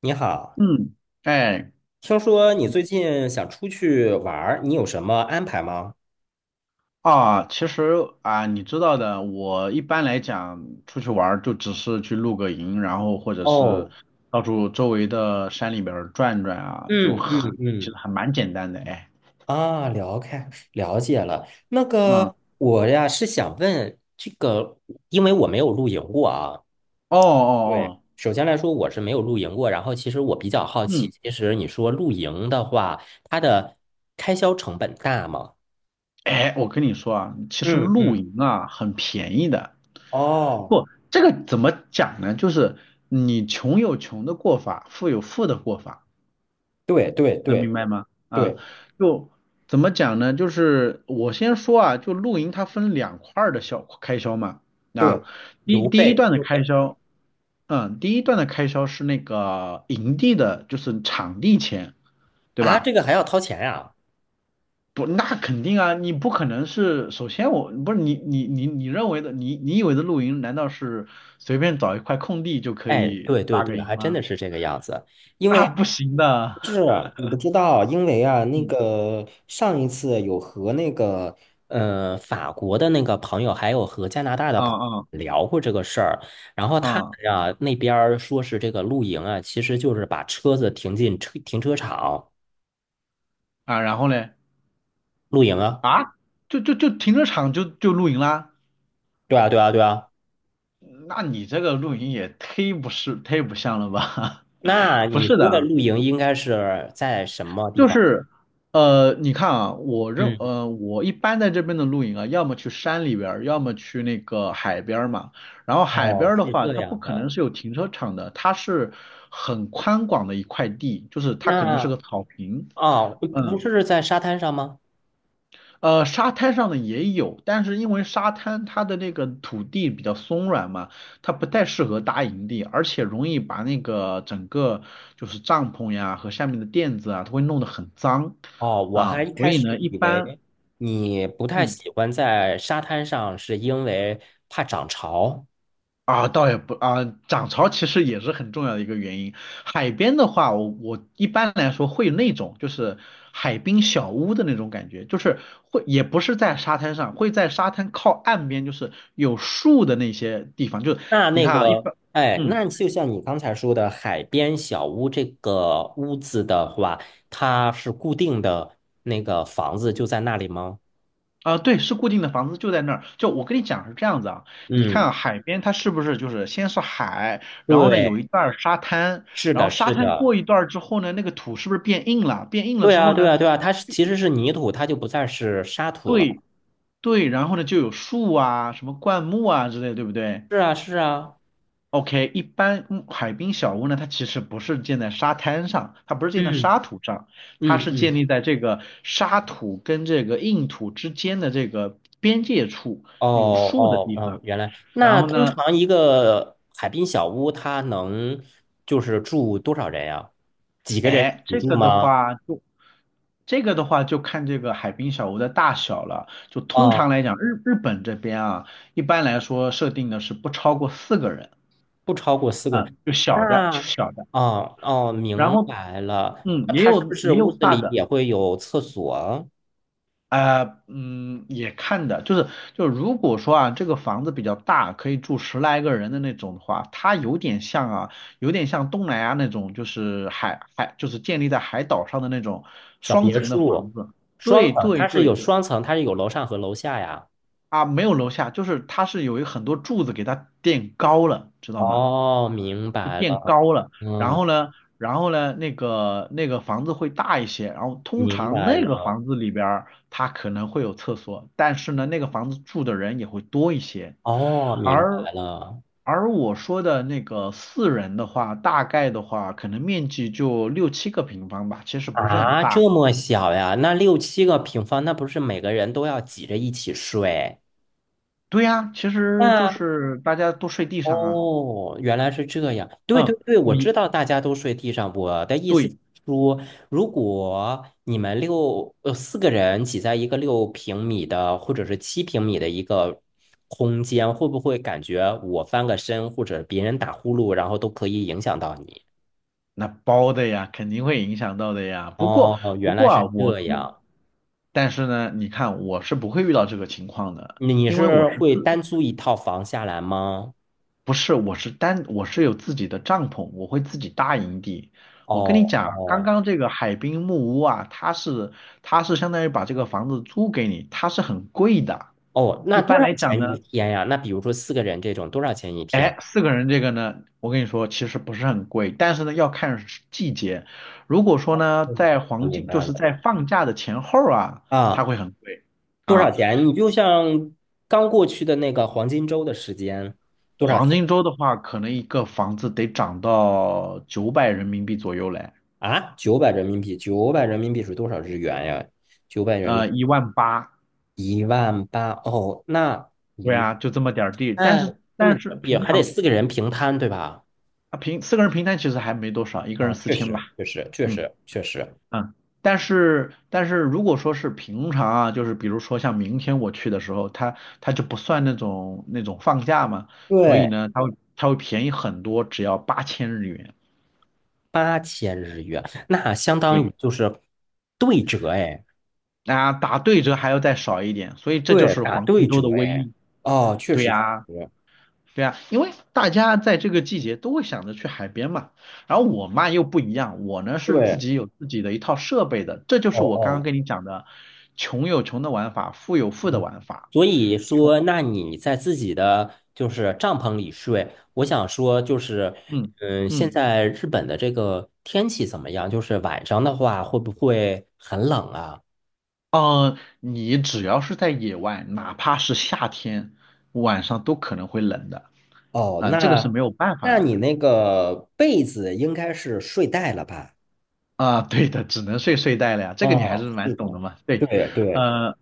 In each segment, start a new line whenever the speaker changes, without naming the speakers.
你好，
嗯，哎，
听说你最近想出去玩儿，你有什么安排吗？
啊，其实啊，你知道的，我一般来讲出去玩儿就只是去露个营，然后或者是
哦。
到处周围的山里边儿转转啊，
嗯嗯
其实
嗯。
还蛮简单的，哎，
啊，了解了。那
嗯，
个
哦
我呀是想问这个，因为我没有露营过啊。
哦
对，
哦，
首先来说我是没有露营过，然后其实我比较好奇，
嗯，
其实你说露营的话，它的开销成本大吗？
哎，我跟你说啊，其实
嗯
露
嗯。
营啊很便宜的。
哦。
不，这个怎么讲呢？就是你穷有穷的过法，富有富的过法。
对对
能
对
明白吗？啊，
对
就怎么讲呢？就是我先说啊，就露营它分2块儿的小开销嘛。啊，
对，
第
邮
第一
费，
段的
邮
开
费。
销，嗯，第一段的开销是那个营地的，就是场地钱，对
啊，这
吧？
个还要掏钱呀？
不，那肯定啊，你不可能是，首先我不是你认为的，你以为的露营，难道是随便找一块空地就可
哎，
以
对对
搭个
对，
营
还真
吗？
的是这个样子。因为
那不行的。
是你不知道，因为啊，那
嗯
个上一次有和那个法国的那个朋友，还有和加拿大的
啊
朋
啊
友聊过这个事儿，然后他
啊
们啊那边儿说是这个露营啊，其实就是把车子停进停车场
啊，然后嘞？
露营啊。
啊，就就就停车场就露营啦？
对啊，对啊，对啊。
那你这个露营也忒不像了吧？
那
不
你
是
说的
的。
露营应该是在什么地
就
方？
是你看啊，
嗯。
我一般在这边的露营啊，要么去山里边儿，要么去那个海边儿嘛。然后海
哦，
边儿的
是
话，
这
它不
样
可能
的。
是有停车场的，它是很宽广的一块地，就是它可能是
那
个草坪。
哦，不不
嗯。
是在沙滩上吗？
呃，沙滩上的也有，但是因为沙滩它的那个土地比较松软嘛，它不太适合搭营地，而且容易把那个整个就是帐篷呀和下面的垫子啊，它会弄得很脏
哦，我还
啊，
一
所
开
以
始
呢，一
以
般。
为你不太
嗯。
喜欢在沙滩上，是因为怕涨潮。
啊，倒也不啊，涨潮其实也是很重要的一个原因。海边的话，我一般来说会那种就是海滨小屋的那种感觉，就是会也不是在沙滩上，会在沙滩靠岸边，就是有树的那些地方。就是
那
你
那
看啊，一
个，
般，
哎，
嗯
那就像你刚才说的，海边小屋这个屋子的话，它是固定的那个房子就在那里吗？
啊，对，是固定的房子就在那儿。就我跟你讲是这样子啊，你看
嗯，
啊海边它是不是就是先是海，然后呢
对，
有一段儿沙滩，
是
然后
的，
沙
是
滩
的。
过一段儿之后呢，那个土是不是变硬了？变硬了
对
之后
啊，对
呢？
啊，对啊，它是其实是泥土，它就不再是沙土了。
对对，然后呢就有树啊、什么灌木啊之类，对不对
是啊，是啊。
？OK，一般嗯海滨小屋呢，它其实不是建在沙滩上，它不是建在
嗯
沙土上，它
嗯
是建
嗯。
立在这个沙土跟这个硬土之间的这个边界处
哦
有树的
哦
地
哦，
方。
原来
然
那
后
通
呢，
常一个海滨小屋，它能就是住多少人呀？几个人
哎，
一起住吗？
这个的话就看这个海滨小屋的大小了。就通常
哦，
来讲，日本这边啊，一般来说设定的是不超过四个人。
不超过四个人。
嗯，就小的，
那
就小的，
哦哦，
然
明
后
白了。
嗯，
那
也
它是不
有
是
也
屋
有
子
大
里
的，
也会有厕所？
也看的，就是如果说啊，这个房子比较大，可以住十来个人的那种的话，它有点像啊，有点像东南亚那种，就是就是建立在海岛上的那种
小
双
别
层的房
墅，
子。
双
对
层，
对
它是有
对，
双层，它是有楼上和楼下呀。
啊，没有楼下，就是它是有一很多柱子给它垫高了，知道吗？
哦，明
就
白
垫
了。
高了，然
嗯，
后呢，然后呢，那个那个房子会大一些，然后通
明
常
白
那个
了。
房子里边儿它可能会有厕所，但是呢，那个房子住的人也会多一些，
哦，明白
而
了。
而我说的那个四人的话，大概的话，可能面积就六七个平方吧，其实不是很
啊，
大。
这么小呀？那六七个平方，那不是每个人都要挤着一起睡？
对呀，其实就
那
是大家都睡地上啊。
哦，原来是这样。对对
嗯，
对，我知
你
道大家都睡地上。我的意思是
对
说，如果你们四个人挤在一个6平米的或者是7平米的一个空间，会不会感觉我翻个身或者别人打呼噜，然后都可以影响到你？
那包的呀，肯定会影响到的呀。不过，
哦，
不
原来
过啊，
是
我
这
自，
样。
但是呢，你看，我是不会遇到这个情况的，
你
因为我
是
是
会
自，
单租一套房下来吗？
不是，我是有自己的帐篷，我会自己搭营地。我跟你
哦
讲，刚
哦
刚这个海滨木屋啊，它是，它是相当于把这个房子租给你，它是很贵的。
哦，
一
那多
般
少
来讲呢，
钱一天呀？那比如说四个人这种，多少钱一天？
哎，四个人这个呢，我跟你说，其实不是很贵，但是呢要看时季节。如果说呢，
嗯，
在
我
黄
明
金，就
白
是
了。
在放假的前后啊，它
啊，
会很贵
多少
啊。
钱？你就像刚过去的那个黄金周的时间，多少
黄
钱
金周的话，可能一个房子得涨到900人民币左右嘞。
啊？九百人民币，九百人民币是多少日元呀？九百人民
呃，18000。
1万8哦，
对
一
啊，就这么点儿地。但
那
是
这么
但是
也
平
还得
常
4个人平摊对吧？
啊，平四个人平摊其实还没多少，一个人
啊，
四
确
千吧。
实，确实，确
嗯。
实，确实。
嗯，但是如果说是平常啊，就是比如说像明天我去的时候，它就不算那种那种放假嘛，所以
对，
呢，它会便宜很多，只要8000日元。
8000日元，那相当
对，
于就是对折哎。
啊，打对折还要再少一点，所以这就
对，
是
打
黄
对
金周
折
的威
哎。
力。
哦，确
对
实是。
呀，对呀，因为大家在这个季节都会想着去海边嘛。然后我嘛又不一样，我呢是自
对。
己有自己的一套设备的，这就
哦
是我刚刚
哦。
跟你讲的，穷有穷的玩法，富有富的
嗯。
玩法。
所以说，那你在自己的就是帐篷里睡，我想说就是，
嗯
嗯，现
嗯，
在日本的这个天气怎么样？就是晚上的话会不会很冷啊？
呃，你只要是在野外，哪怕是夏天，晚上都可能会冷的。
哦，
啊、这个是没有办法
那
的。
你那个被子应该是睡袋了吧？
啊、对的，只能睡睡袋了呀。这个你还是
哦，
蛮
是
懂
的，
的嘛，对。
对对。
呃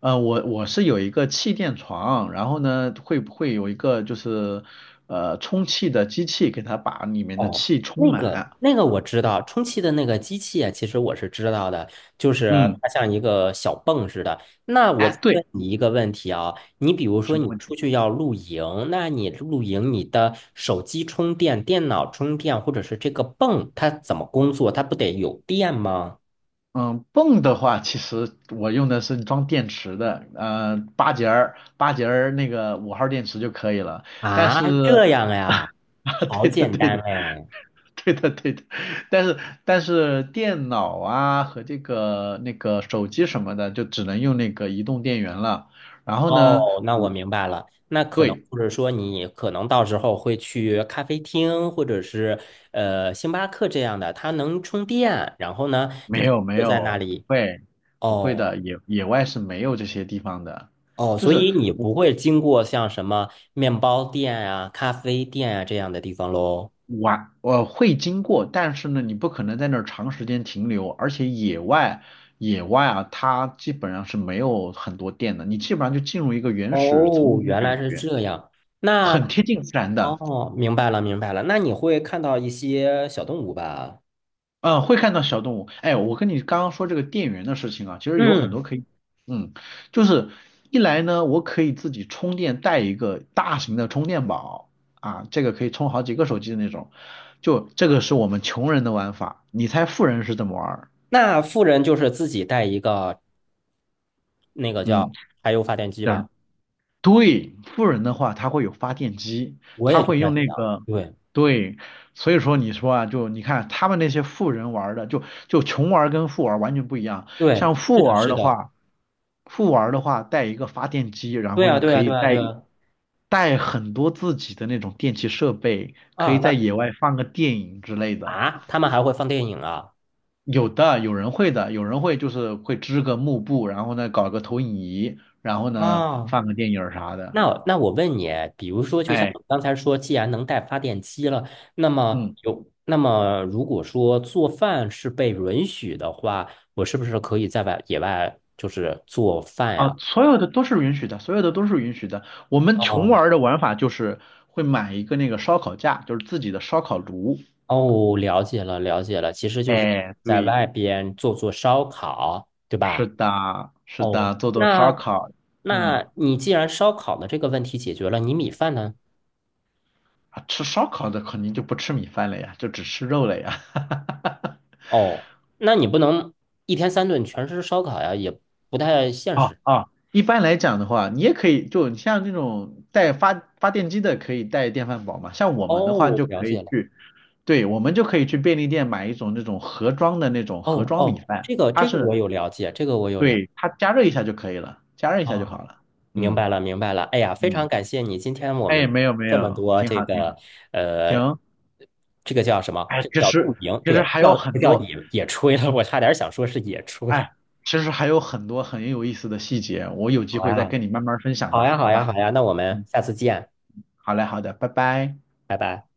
我是有一个气垫床，然后呢，会不会有一个就是充气的机器给它把里面的
哦，
气充满？
那个我知道，充气的那个机器啊，其实我是知道的，就是
嗯，
它像一个小泵似的。那我再
哎，对，
问你一个问题啊，你比如说
什么
你
问题？
出去要露营，那你露营你的手机充电、电脑充电，或者是这个泵，它怎么工作？它不得有电吗？
嗯，泵的话，其实我用的是装电池的，呃，八节儿那个5号电池就可以了。但
啊，
是，
这样 呀，
啊，
好
对的，
简
对
单
的，
哎。
对的，对的。但是，但是电脑啊和这个那个手机什么的，就只能用那个移动电源了。然后呢，
哦，那我
我
明白了。那可能
对，
或者说你可能到时候会去咖啡厅，或者是星巴克这样的，它能充电。然后呢，你
没
可以
有没
坐在那
有，不
里。
会不会
哦
的，野外是没有这些地方的。
哦，
就
所
是
以你不会经过像什么面包店啊、咖啡店啊这样的地方喽？
玩，呃，会经过，但是呢，你不可能在那儿长时间停留，而且野外，野外啊，它基本上是没有很多电的，你基本上就进入一个原始丛
哦，
林的
原
感
来是
觉，
这样。那
很贴近自然的。
哦，明白了，明白了。那你会看到一些小动物吧？
嗯，会看到小动物。哎，我跟你刚刚说这个电源的事情啊，其实有很多
嗯。
可以，嗯，就是一来呢，我可以自己充电，带一个大型的充电宝啊，这个可以充好几个手机的那种，就这个是我们穷人的玩法，你猜富人是怎么玩儿？
那富人就是自己带一个那个
嗯。
叫柴油发电机
但
吧？
对，富人的话，他会有发电机，
我
他
也就
会
在
用那
想，
个，
对，
对，所以说你说啊，就你看他们那些富人玩儿的，就穷玩儿跟富玩儿完全不一样。
对，
像
是
富
的，
玩儿
是
的
的，
话，富玩儿的话带一个发电机，然
对
后
啊，
呢
对
可
啊，
以
对啊，对啊。
带很多自己的那种电器设备，可以
啊，
在
那
野外放个电影之类的。
啊，他们还会放电影啊？
有的，有人会的，有人会就是会织个幕布，然后呢搞个投影仪，然后呢
啊，
放个电影儿啥的。
那我问你，比如说，就像
哎。
我刚才说，既然能带发电机了，
嗯
那么如果说做饭是被允许的话，我是不是可以在外野外就是做饭
啊，
呀？
所有的都是允许的，所有的都是允许的。我们穷
哦
玩儿的玩法就是会买一个那个烧烤架，就是自己的烧烤炉。
哦，了解了，了解了，其实就是
哎，
在
对，
外边做做烧烤，对
是
吧？
的，是
哦，
的，做做烧烤。嗯，
那你既然烧烤的这个问题解决了，你米饭呢？
啊，吃烧烤的肯定就不吃米饭了呀，就只吃肉了呀。
哦，那你不能1天3顿全是烧烤呀，也不太现
啊
实。
啊，一般来讲的话，你也可以，就你像这种带发电机的，可以带电饭煲嘛。像我
哦，
们的话，
我
就
了
可
解
以
了。
去。对，我们就可以去便利店买一种那种盒装的那种盒
哦
装米
哦，
饭，
这个
它
这个
是
我有了解，这个我有了。
对它加热一下就可以了，加热一下就
啊，
好了。
明
嗯
白了明白了。哎呀，非
嗯，
常感谢你，今天我
哎，
们
没有没
这么
有，
多
挺
这
好挺
个
好，
呃，
行。
这个叫什么？
哎，
这个叫露营，
其
对，
实
不
还有
叫不
很
叫
多，
野野炊了，我差点想说是野炊。
哎，其实还有很多很有意思的细节，我有机
好
会再
呀
跟你慢慢分享
好
吧，
呀好
好
呀
吧？
好呀，那我们
嗯，
下次见，
好嘞好的，拜拜。
拜拜。